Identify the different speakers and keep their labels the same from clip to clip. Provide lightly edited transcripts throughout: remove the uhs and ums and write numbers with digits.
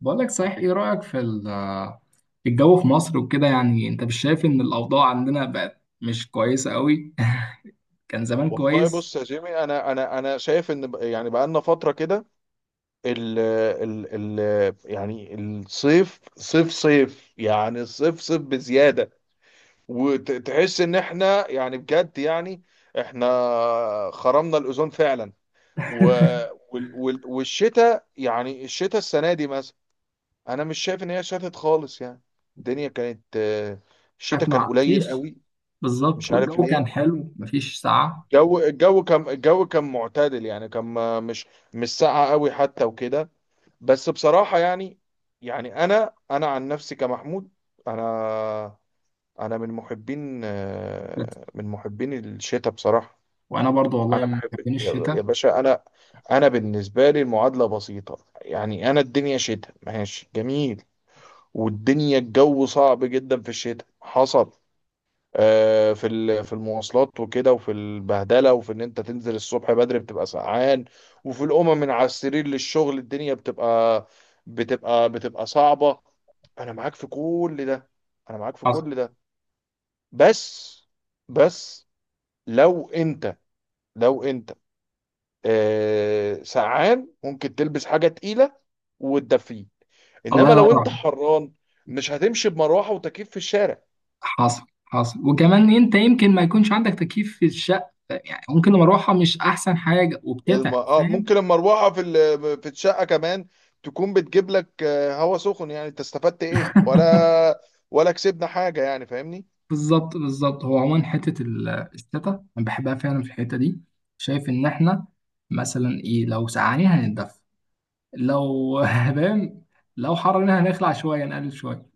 Speaker 1: بقول لك صحيح، ايه رأيك في في الجو في مصر وكده؟ يعني انت مش شايف ان الاوضاع عندنا بقت مش كويسة قوي؟ كان زمان
Speaker 2: والله
Speaker 1: كويس.
Speaker 2: بص يا جيمي، انا شايف ان يعني بقى لنا فتره كده. ال ال ال يعني الصيف صيف يعني الصيف صيف بزياده. وتحس ان احنا يعني بجد، يعني احنا خرمنا الاوزون فعلا. و والشتاء، يعني الشتاء السنه دي مثلا، انا مش شايف ان هي شتت خالص يعني. الدنيا كانت،
Speaker 1: كانت
Speaker 2: الشتاء كان
Speaker 1: ما
Speaker 2: قليل
Speaker 1: فيش،
Speaker 2: قوي.
Speaker 1: بالظبط،
Speaker 2: مش عارف
Speaker 1: والجو كان
Speaker 2: ليه.
Speaker 1: حلو، مفيش ساعة.
Speaker 2: الجو كان معتدل، يعني كان مش ساقعة قوي حتى وكده. بس بصراحة يعني، يعني انا عن نفسي كمحمود، انا انا من محبين، من محبين الشتاء بصراحة.
Speaker 1: وانا برضو والله
Speaker 2: انا
Speaker 1: من
Speaker 2: بحب.
Speaker 1: محبين
Speaker 2: يا
Speaker 1: الشتاء.
Speaker 2: باشا، انا بالنسبة لي المعادلة بسيطة. يعني انا الدنيا شتاء ماشي جميل. والدنيا الجو صعب جدا في الشتاء، حصل في المواصلات وكده، وفي البهدله، وفي ان انت تنزل الصبح بدري بتبقى سقعان. وفي الامم من على السرير للشغل، الدنيا بتبقى صعبه. انا معاك في كل ده. انا معاك في
Speaker 1: حصل.
Speaker 2: كل ده. بس بس، لو انت لو انت سقعان، ممكن تلبس حاجه تقيله وتدفيه.
Speaker 1: الله
Speaker 2: انما
Speaker 1: ينور
Speaker 2: لو انت
Speaker 1: عليك.
Speaker 2: حران، مش هتمشي بمروحه وتكييف في الشارع.
Speaker 1: حصل، حصل. وكمان انت يمكن ما يكونش عندك تكييف في الشقه، يعني ممكن المروحه مش احسن حاجه
Speaker 2: الم...
Speaker 1: وبتتعب،
Speaker 2: اه
Speaker 1: فاهم؟
Speaker 2: ممكن المروحه في الشقه كمان تكون بتجيب لك، هوا سخن. يعني انت استفدت ايه؟ ولا كسبنا حاجه يعني فاهمني.
Speaker 1: بالظبط بالظبط. هو عموما حته الشتا انا بحبها فعلا في الحته دي. شايف ان احنا مثلا ايه؟ لو سقعانين هنتدفى، لو فاهم، لو حرنا هنخلع شويه، نقلل شويه.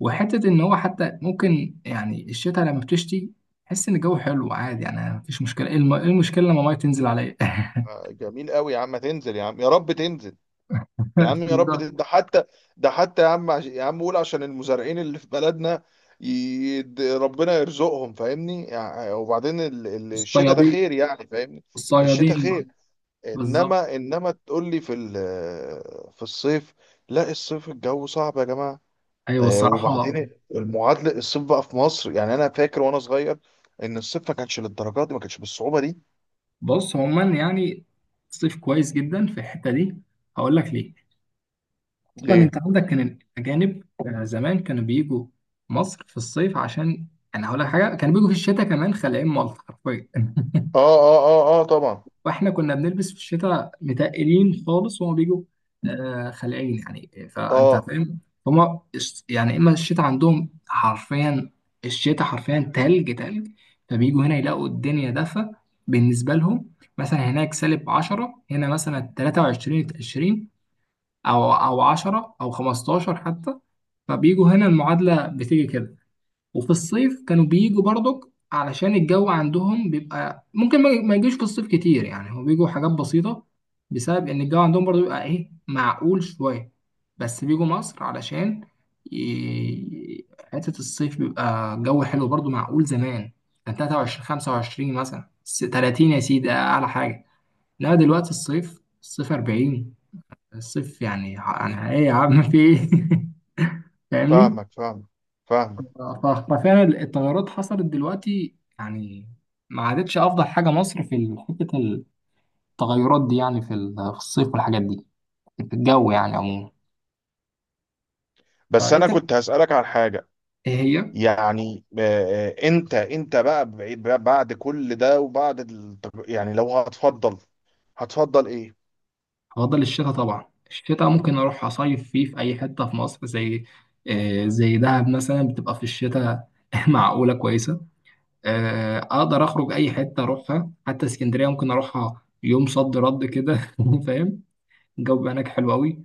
Speaker 1: وحته ان هو حتى ممكن يعني الشتاء لما بتشتي تحس ان الجو حلو عادي، يعني مفيش مشكله. ايه إيه المشكله لما الميه تنزل عليا؟
Speaker 2: جميل قوي يا عم، تنزل يا عم، يا رب تنزل. يا عم يا رب
Speaker 1: بالظبط.
Speaker 2: تنزل. ده حتى، يا عم، قول عشان المزارعين اللي في بلدنا، ربنا يرزقهم فاهمني. يعني وبعدين الشتاء ده
Speaker 1: الصيادين،
Speaker 2: خير يعني فاهمني. الشتاء
Speaker 1: الصيادين.
Speaker 2: خير.
Speaker 1: بالظبط.
Speaker 2: انما تقول لي في في الصيف. لا، الصيف الجو صعب يا جماعه.
Speaker 1: ايوه، الصراحه.
Speaker 2: وبعدين المعادله، الصيف بقى في مصر، يعني انا فاكر وانا صغير ان الصيف ما كانش للدرجه دي، ما كانش بالصعوبه دي.
Speaker 1: بص عموما يعني صيف كويس جدا في الحته دي. هقول لك ليه. اصلا
Speaker 2: ليه؟
Speaker 1: انت عندك كان الاجانب زمان كانوا بيجوا مصر في الصيف، عشان انا هقول لك حاجه، كانوا بيجوا في الشتاء كمان، خلاين مالطا حرفيا.
Speaker 2: اه، اه، اه، اه، طبعا.
Speaker 1: واحنا كنا بنلبس في الشتاء متقلين خالص وهما بيجوا خلقين، يعني فانت
Speaker 2: اه.
Speaker 1: فاهم. هما يعني اما الشتاء عندهم حرفيا، الشتاء حرفيا تلج. فبيجوا هنا يلاقوا الدنيا دفا بالنسبة لهم. مثلا هناك سالب 10، هنا مثلا 23، 20 او او 10 او 15 حتى. فبيجوا هنا، المعادلة بتيجي كده. وفي الصيف كانوا بيجوا برضك علشان الجو عندهم بيبقى ممكن ما يجيش في الصيف كتير. يعني هو بيجوا حاجات بسيطة بسبب إن الجو عندهم برضو بيبقى إيه معقول شوية، بس بيجوا مصر علشان ي- حتة الصيف بيبقى الجو حلو برضو معقول. زمان كان 23، 25 مثلا، 30 يا سيدي أعلى حاجة. لا دلوقتي الصيف، الصيف 40. الصيف يعني يعني إيه يا عم، في إيه؟ فاهمني؟
Speaker 2: فاهمك، فاهمك، فاهمك.
Speaker 1: ف- ففعلا التغيرات حصلت دلوقتي يعني. ما عادتش افضل حاجه مصر في حته التغيرات دي، يعني في في الصيف والحاجات دي، في الجو يعني عموما.
Speaker 2: بس انا
Speaker 1: فانت
Speaker 2: كنت هسالك على حاجه.
Speaker 1: ايه هي؟
Speaker 2: يعني انت بقى بقى بعد كل ده وبعد يعني لو هتفضل هتفضل ايه؟
Speaker 1: افضل الشتاء طبعا. الشتاء ممكن اروح اصيف فيه في اي حته في مصر، زي زي دهب مثلا بتبقى في الشتاء معقوله كويسه. اقدر اخرج اي حته اروحها، حتى اسكندريه ممكن اروحها يوم صد رد كده، فاهم؟ الجو بيبقى هناك حلو قوي.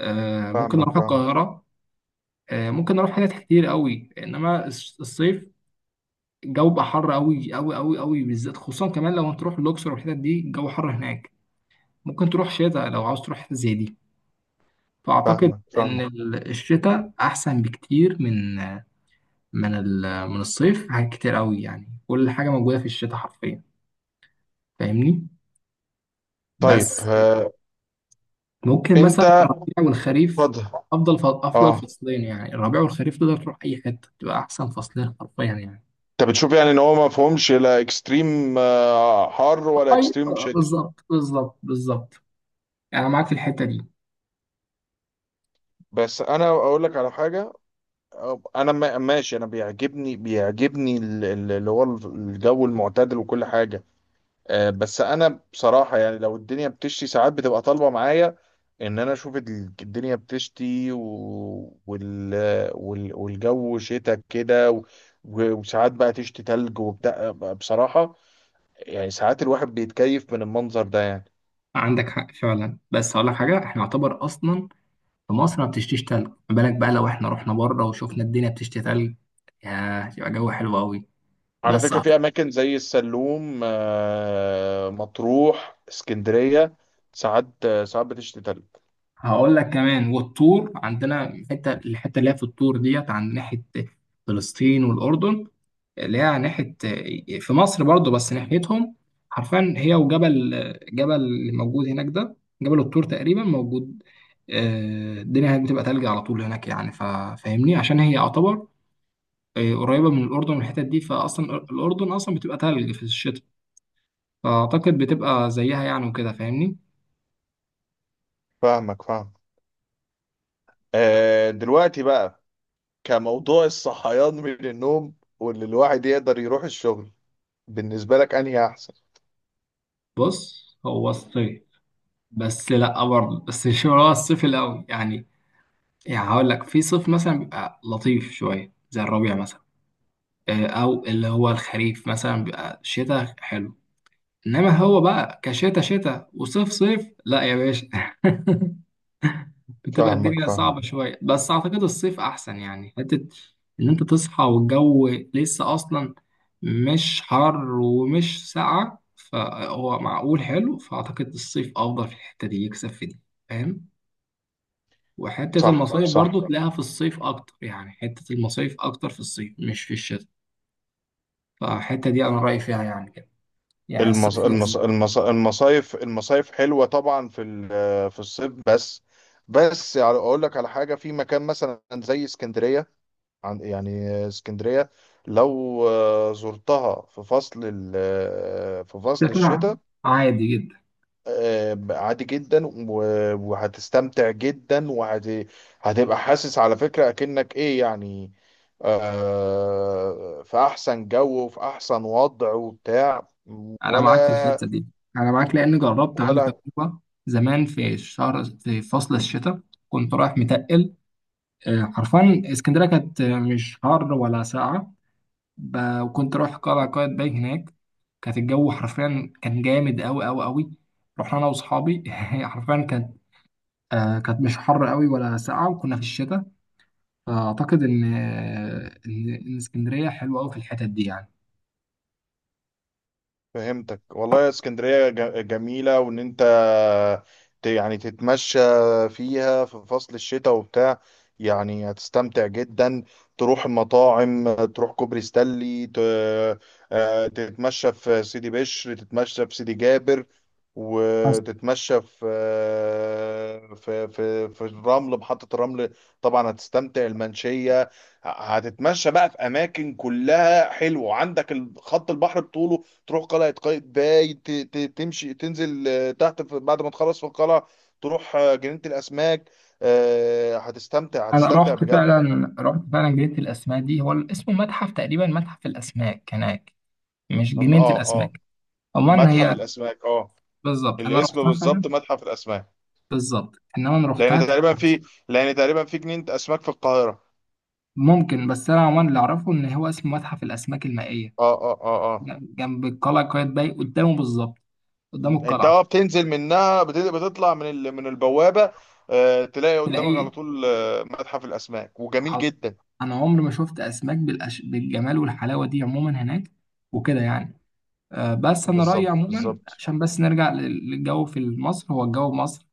Speaker 1: ممكن
Speaker 2: فاهمك،
Speaker 1: اروح
Speaker 2: فاهمك،
Speaker 1: القاهره، ممكن نروح حتت كتير قوي. انما الصيف الجو بقى حر قوي قوي قوي قوي، بالذات خصوصا كمان لو هتروح الاقصر والحتت دي، الجو حر هناك. ممكن تروح شتاء لو عاوز تروح حتة زي دي. فاعتقد
Speaker 2: فاهمك،
Speaker 1: ان
Speaker 2: فاهمك.
Speaker 1: الشتاء احسن بكتير من من من الصيف في حاجات كتير قوي. يعني كل حاجه موجوده في الشتاء حرفيا، فاهمني؟
Speaker 2: طيب،
Speaker 1: بس ممكن مثلا
Speaker 2: انت،
Speaker 1: الربيع والخريف
Speaker 2: اتفضل.
Speaker 1: افضل افضل
Speaker 2: اه،
Speaker 1: فصلين. يعني الربيع والخريف تقدر تروح اي حته، تبقى احسن فصلين حرفيا يعني.
Speaker 2: انت بتشوف يعني ان هو ما فهمش لا اكستريم، حر، ولا اكستريم
Speaker 1: ايوه
Speaker 2: شتاء.
Speaker 1: بالظبط بالظبط بالظبط. يعني انا معاك في الحته دي.
Speaker 2: بس انا اقول لك على حاجه. انا ماشي، انا بيعجبني اللي هو الجو المعتدل وكل حاجه. بس انا بصراحه يعني، لو الدنيا بتشتي ساعات، بتبقى طالبه معايا ان انا اشوف الدنيا بتشتي، والجو شتاء كده، وساعات بقى تشتي تلج وبتاع بصراحه. يعني ساعات الواحد بيتكيف من المنظر ده يعني.
Speaker 1: عندك حق فعلا. بس هقول لك حاجه، احنا يعتبر اصلا في مصر ما بتشتيش تلج، ما بالك بقى لو احنا رحنا بره وشفنا الدنيا بتشتي تلج؟ يا يبقى جو حلو قوي.
Speaker 2: على
Speaker 1: بس
Speaker 2: فكرة في أماكن زي السلوم، مطروح، اسكندرية، ساعات بتشتي تلج.
Speaker 1: هقول لك كمان، والطور عندنا حته، الحته اللي هي في الطور ديت عند ناحيه فلسطين والاردن، اللي هي على ناحية في مصر برضو بس ناحيتهم، حرفيا هي وجبل، جبل اللي موجود هناك ده، جبل الطور تقريبا موجود. الدنيا هناك بتبقى تلج على طول هناك يعني، فاهمني، عشان هي يعتبر قريبة من الأردن والحتت دي. فأصلا الأردن أصلا بتبقى تلج في الشتاء، فأعتقد بتبقى زيها يعني وكده، فاهمني؟
Speaker 2: فاهمك، فاهم. دلوقتي بقى، كموضوع الصحيان من النوم واللي الواحد يقدر يروح الشغل، بالنسبة لك أنهي أحسن؟
Speaker 1: بص هو الصيف، بس لأ برضه، بس مش هو الصيف الأول يعني. يعني هقول لك في صيف مثلا بيبقى لطيف شوية زي الربيع مثلا، او اللي هو الخريف مثلا بيبقى شتاء حلو. انما هو بقى كشتاء شتاء وصيف صيف، لا يا باشا. بتبقى
Speaker 2: فاهمك،
Speaker 1: الدنيا صعبة
Speaker 2: فاهم.
Speaker 1: شوية. بس اعتقد الصيف احسن، يعني حتة ان انت تصحى والجو لسه اصلا مش حر ومش ساقعة، فهو معقول حلو. فاعتقد الصيف افضل في الحتة دي، يكسب في دي، فاهم؟ وحتة
Speaker 2: صح،
Speaker 1: المصايف برضو
Speaker 2: صح.
Speaker 1: تلاقيها في الصيف اكتر، يعني حتة المصايف اكتر في الصيف مش في الشتاء. فالحتة دي انا رأيي فيها يعني كده، يعني الصيف يكسب.
Speaker 2: المصايف حلوة طبعا في في الصيف. بس، بس يعني أقول لك على حاجة. في مكان مثلا زي اسكندرية، عن يعني اسكندرية لو زرتها في فصل في فصل
Speaker 1: الشتاء
Speaker 2: الشتاء،
Speaker 1: عادي جدا.
Speaker 2: عادي جدا، وهتستمتع جدا. وهتبقى حاسس على فكرة أكنك إيه يعني، في أحسن جو وفي أحسن وضع وبتاع.
Speaker 1: انا معاك في
Speaker 2: ولا،
Speaker 1: الحته دي. انا معاك لان جربت عندي
Speaker 2: ولا،
Speaker 1: تجربه زمان في الشهر في فصل الشتاء. كنت رايح متقل، حرفيا اسكندريه كانت مش حر ولا ساقعه. وكنت رايح قلعه قايتباي هناك، كانت الجو حرفيا كان جامد قوي قوي قوي. رحنا انا واصحابي. حرفيا كانت كانت مش حر قوي ولا ساقعه، وكنا في الشتاء. فاعتقد ان إن اسكندريه حلوه قوي في الحتت دي يعني.
Speaker 2: فهمتك والله. اسكندرية جميلة، وان انت يعني تتمشى فيها في فصل الشتاء وبتاع، يعني هتستمتع جدا. تروح المطاعم، تروح كوبري ستانلي، تتمشى في سيدي بشر، تتمشى في سيدي جابر، وتتمشى في، في محطة الرمل. طبعا هتستمتع، المنشية. هتتمشى بقى في اماكن كلها حلوه، عندك خط البحر بطوله. تروح قلعة قايتباي، تمشي، تنزل تحت، بعد ما تخلص في القلعة تروح جنينة الأسماك. هتستمتع
Speaker 1: انا
Speaker 2: هتستمتع
Speaker 1: رحت
Speaker 2: بجد.
Speaker 1: فعلا، رحت فعلا جنينة الاسماك دي، هو اسمه متحف تقريبا، متحف الاسماك هناك، مش جنينة
Speaker 2: اه، اه،
Speaker 1: الاسماك. عموما
Speaker 2: متحف
Speaker 1: هي
Speaker 2: الأسماك. اه،
Speaker 1: بالظبط، انا
Speaker 2: الاسم
Speaker 1: رحتها فعلا.
Speaker 2: بالظبط متحف الأسماك.
Speaker 1: بالظبط، انما انا
Speaker 2: لأن
Speaker 1: رحتها كانت
Speaker 2: تقريبا
Speaker 1: فرنسا.
Speaker 2: في لأن تقريبا في جنينة أسماك في القاهرة.
Speaker 1: ممكن، بس انا عموما اللي اعرفه ان هو اسمه متحف الاسماك المائية،
Speaker 2: اه، اه، اه، اه.
Speaker 1: جنب القلعة قايتباي، قدامه بالظبط، قدام
Speaker 2: انت
Speaker 1: القلعة،
Speaker 2: بتنزل منها، بتطلع من من البوابة، تلاقي قدامك على
Speaker 1: تلاقيه.
Speaker 2: طول، متحف الأسماك، وجميل
Speaker 1: حاضر.
Speaker 2: جدا.
Speaker 1: انا عمري ما شفت اسماك بالجمال والحلاوه دي عموما هناك وكده يعني. أه بس انا رايي
Speaker 2: بالظبط،
Speaker 1: عموما،
Speaker 2: بالظبط.
Speaker 1: عشان بس نرجع للجو في مصر، هو الجو في مصر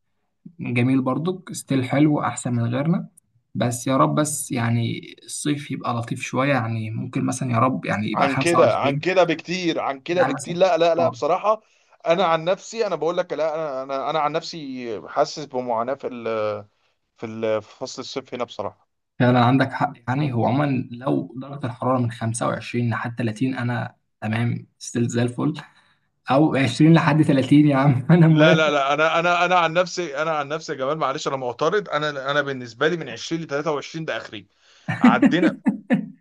Speaker 1: جميل برضك، ستيل حلو احسن من غيرنا. بس يا رب، بس يعني الصيف يبقى لطيف شوية، يعني ممكن مثلا يا رب يعني يبقى اه
Speaker 2: عن
Speaker 1: 25.
Speaker 2: كده بكتير، عن كده
Speaker 1: يعني مثلا
Speaker 2: بكتير. لا، لا، لا،
Speaker 1: اه
Speaker 2: بصراحة انا عن نفسي، انا بقول لك لا. انا عن نفسي حاسس بمعاناة في ال، في فصل الصيف هنا بصراحة.
Speaker 1: فعلا عندك حق. يعني هو عموما لو درجة الحرارة من 25 لحد 30 انا تمام ستيل زي الفل، او 20 لحد 30 يا عم انا
Speaker 2: لا، لا،
Speaker 1: موافق.
Speaker 2: لا، انا عن نفسي، يا جمال معلش انا معترض. انا بالنسبه لي من 20 ل 23، ده اخري. عدينا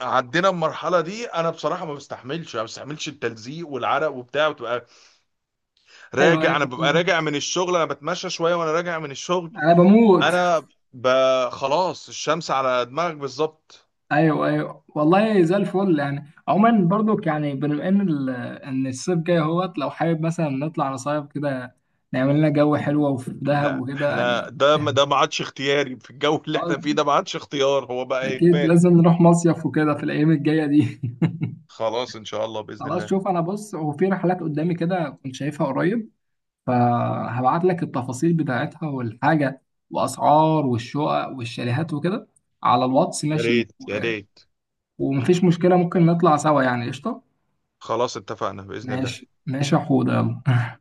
Speaker 2: عدينا المرحله دي. انا بصراحه ما بستحملش التلزيق والعرق وبتاع، وتبقى
Speaker 1: ايوه
Speaker 2: راجع.
Speaker 1: ايوه
Speaker 2: انا ببقى
Speaker 1: فعلاً.
Speaker 2: راجع من الشغل، انا بتمشى شويه وانا راجع من الشغل.
Speaker 1: انا بموت.
Speaker 2: انا ب... خلاص الشمس على دماغك بالظبط.
Speaker 1: ايوه ايوه والله زي الفل. يعني عموما برضو، يعني بما ان ان الصيف جاي اهوت، لو حابب مثلا نطلع نصيف كده، نعمل لنا جو حلو وفي دهب
Speaker 2: احنا
Speaker 1: وكده
Speaker 2: احنا
Speaker 1: يعني.
Speaker 2: ده، ده ما عادش اختياري. في الجو اللي
Speaker 1: خلاص،
Speaker 2: احنا فيه ده، ما عادش اختيار، هو بقى
Speaker 1: اكيد
Speaker 2: اجباري.
Speaker 1: لازم نروح مصيف وكده في الايام الجايه دي.
Speaker 2: خلاص ان شاء الله، باذن
Speaker 1: خلاص
Speaker 2: الله.
Speaker 1: شوف، انا بص هو في رحلات قدامي كده كنت شايفها قريب، فهبعت لك التفاصيل بتاعتها والحاجه، واسعار والشقق والشاليهات وكده، على الواتس،
Speaker 2: يا
Speaker 1: ماشي؟
Speaker 2: ريت يا ريت.
Speaker 1: ومفيش مشكله، ممكن نطلع سوا يعني، قشطه.
Speaker 2: خلاص اتفقنا باذن الله.
Speaker 1: ماشي ماشي يا حوده، يلا.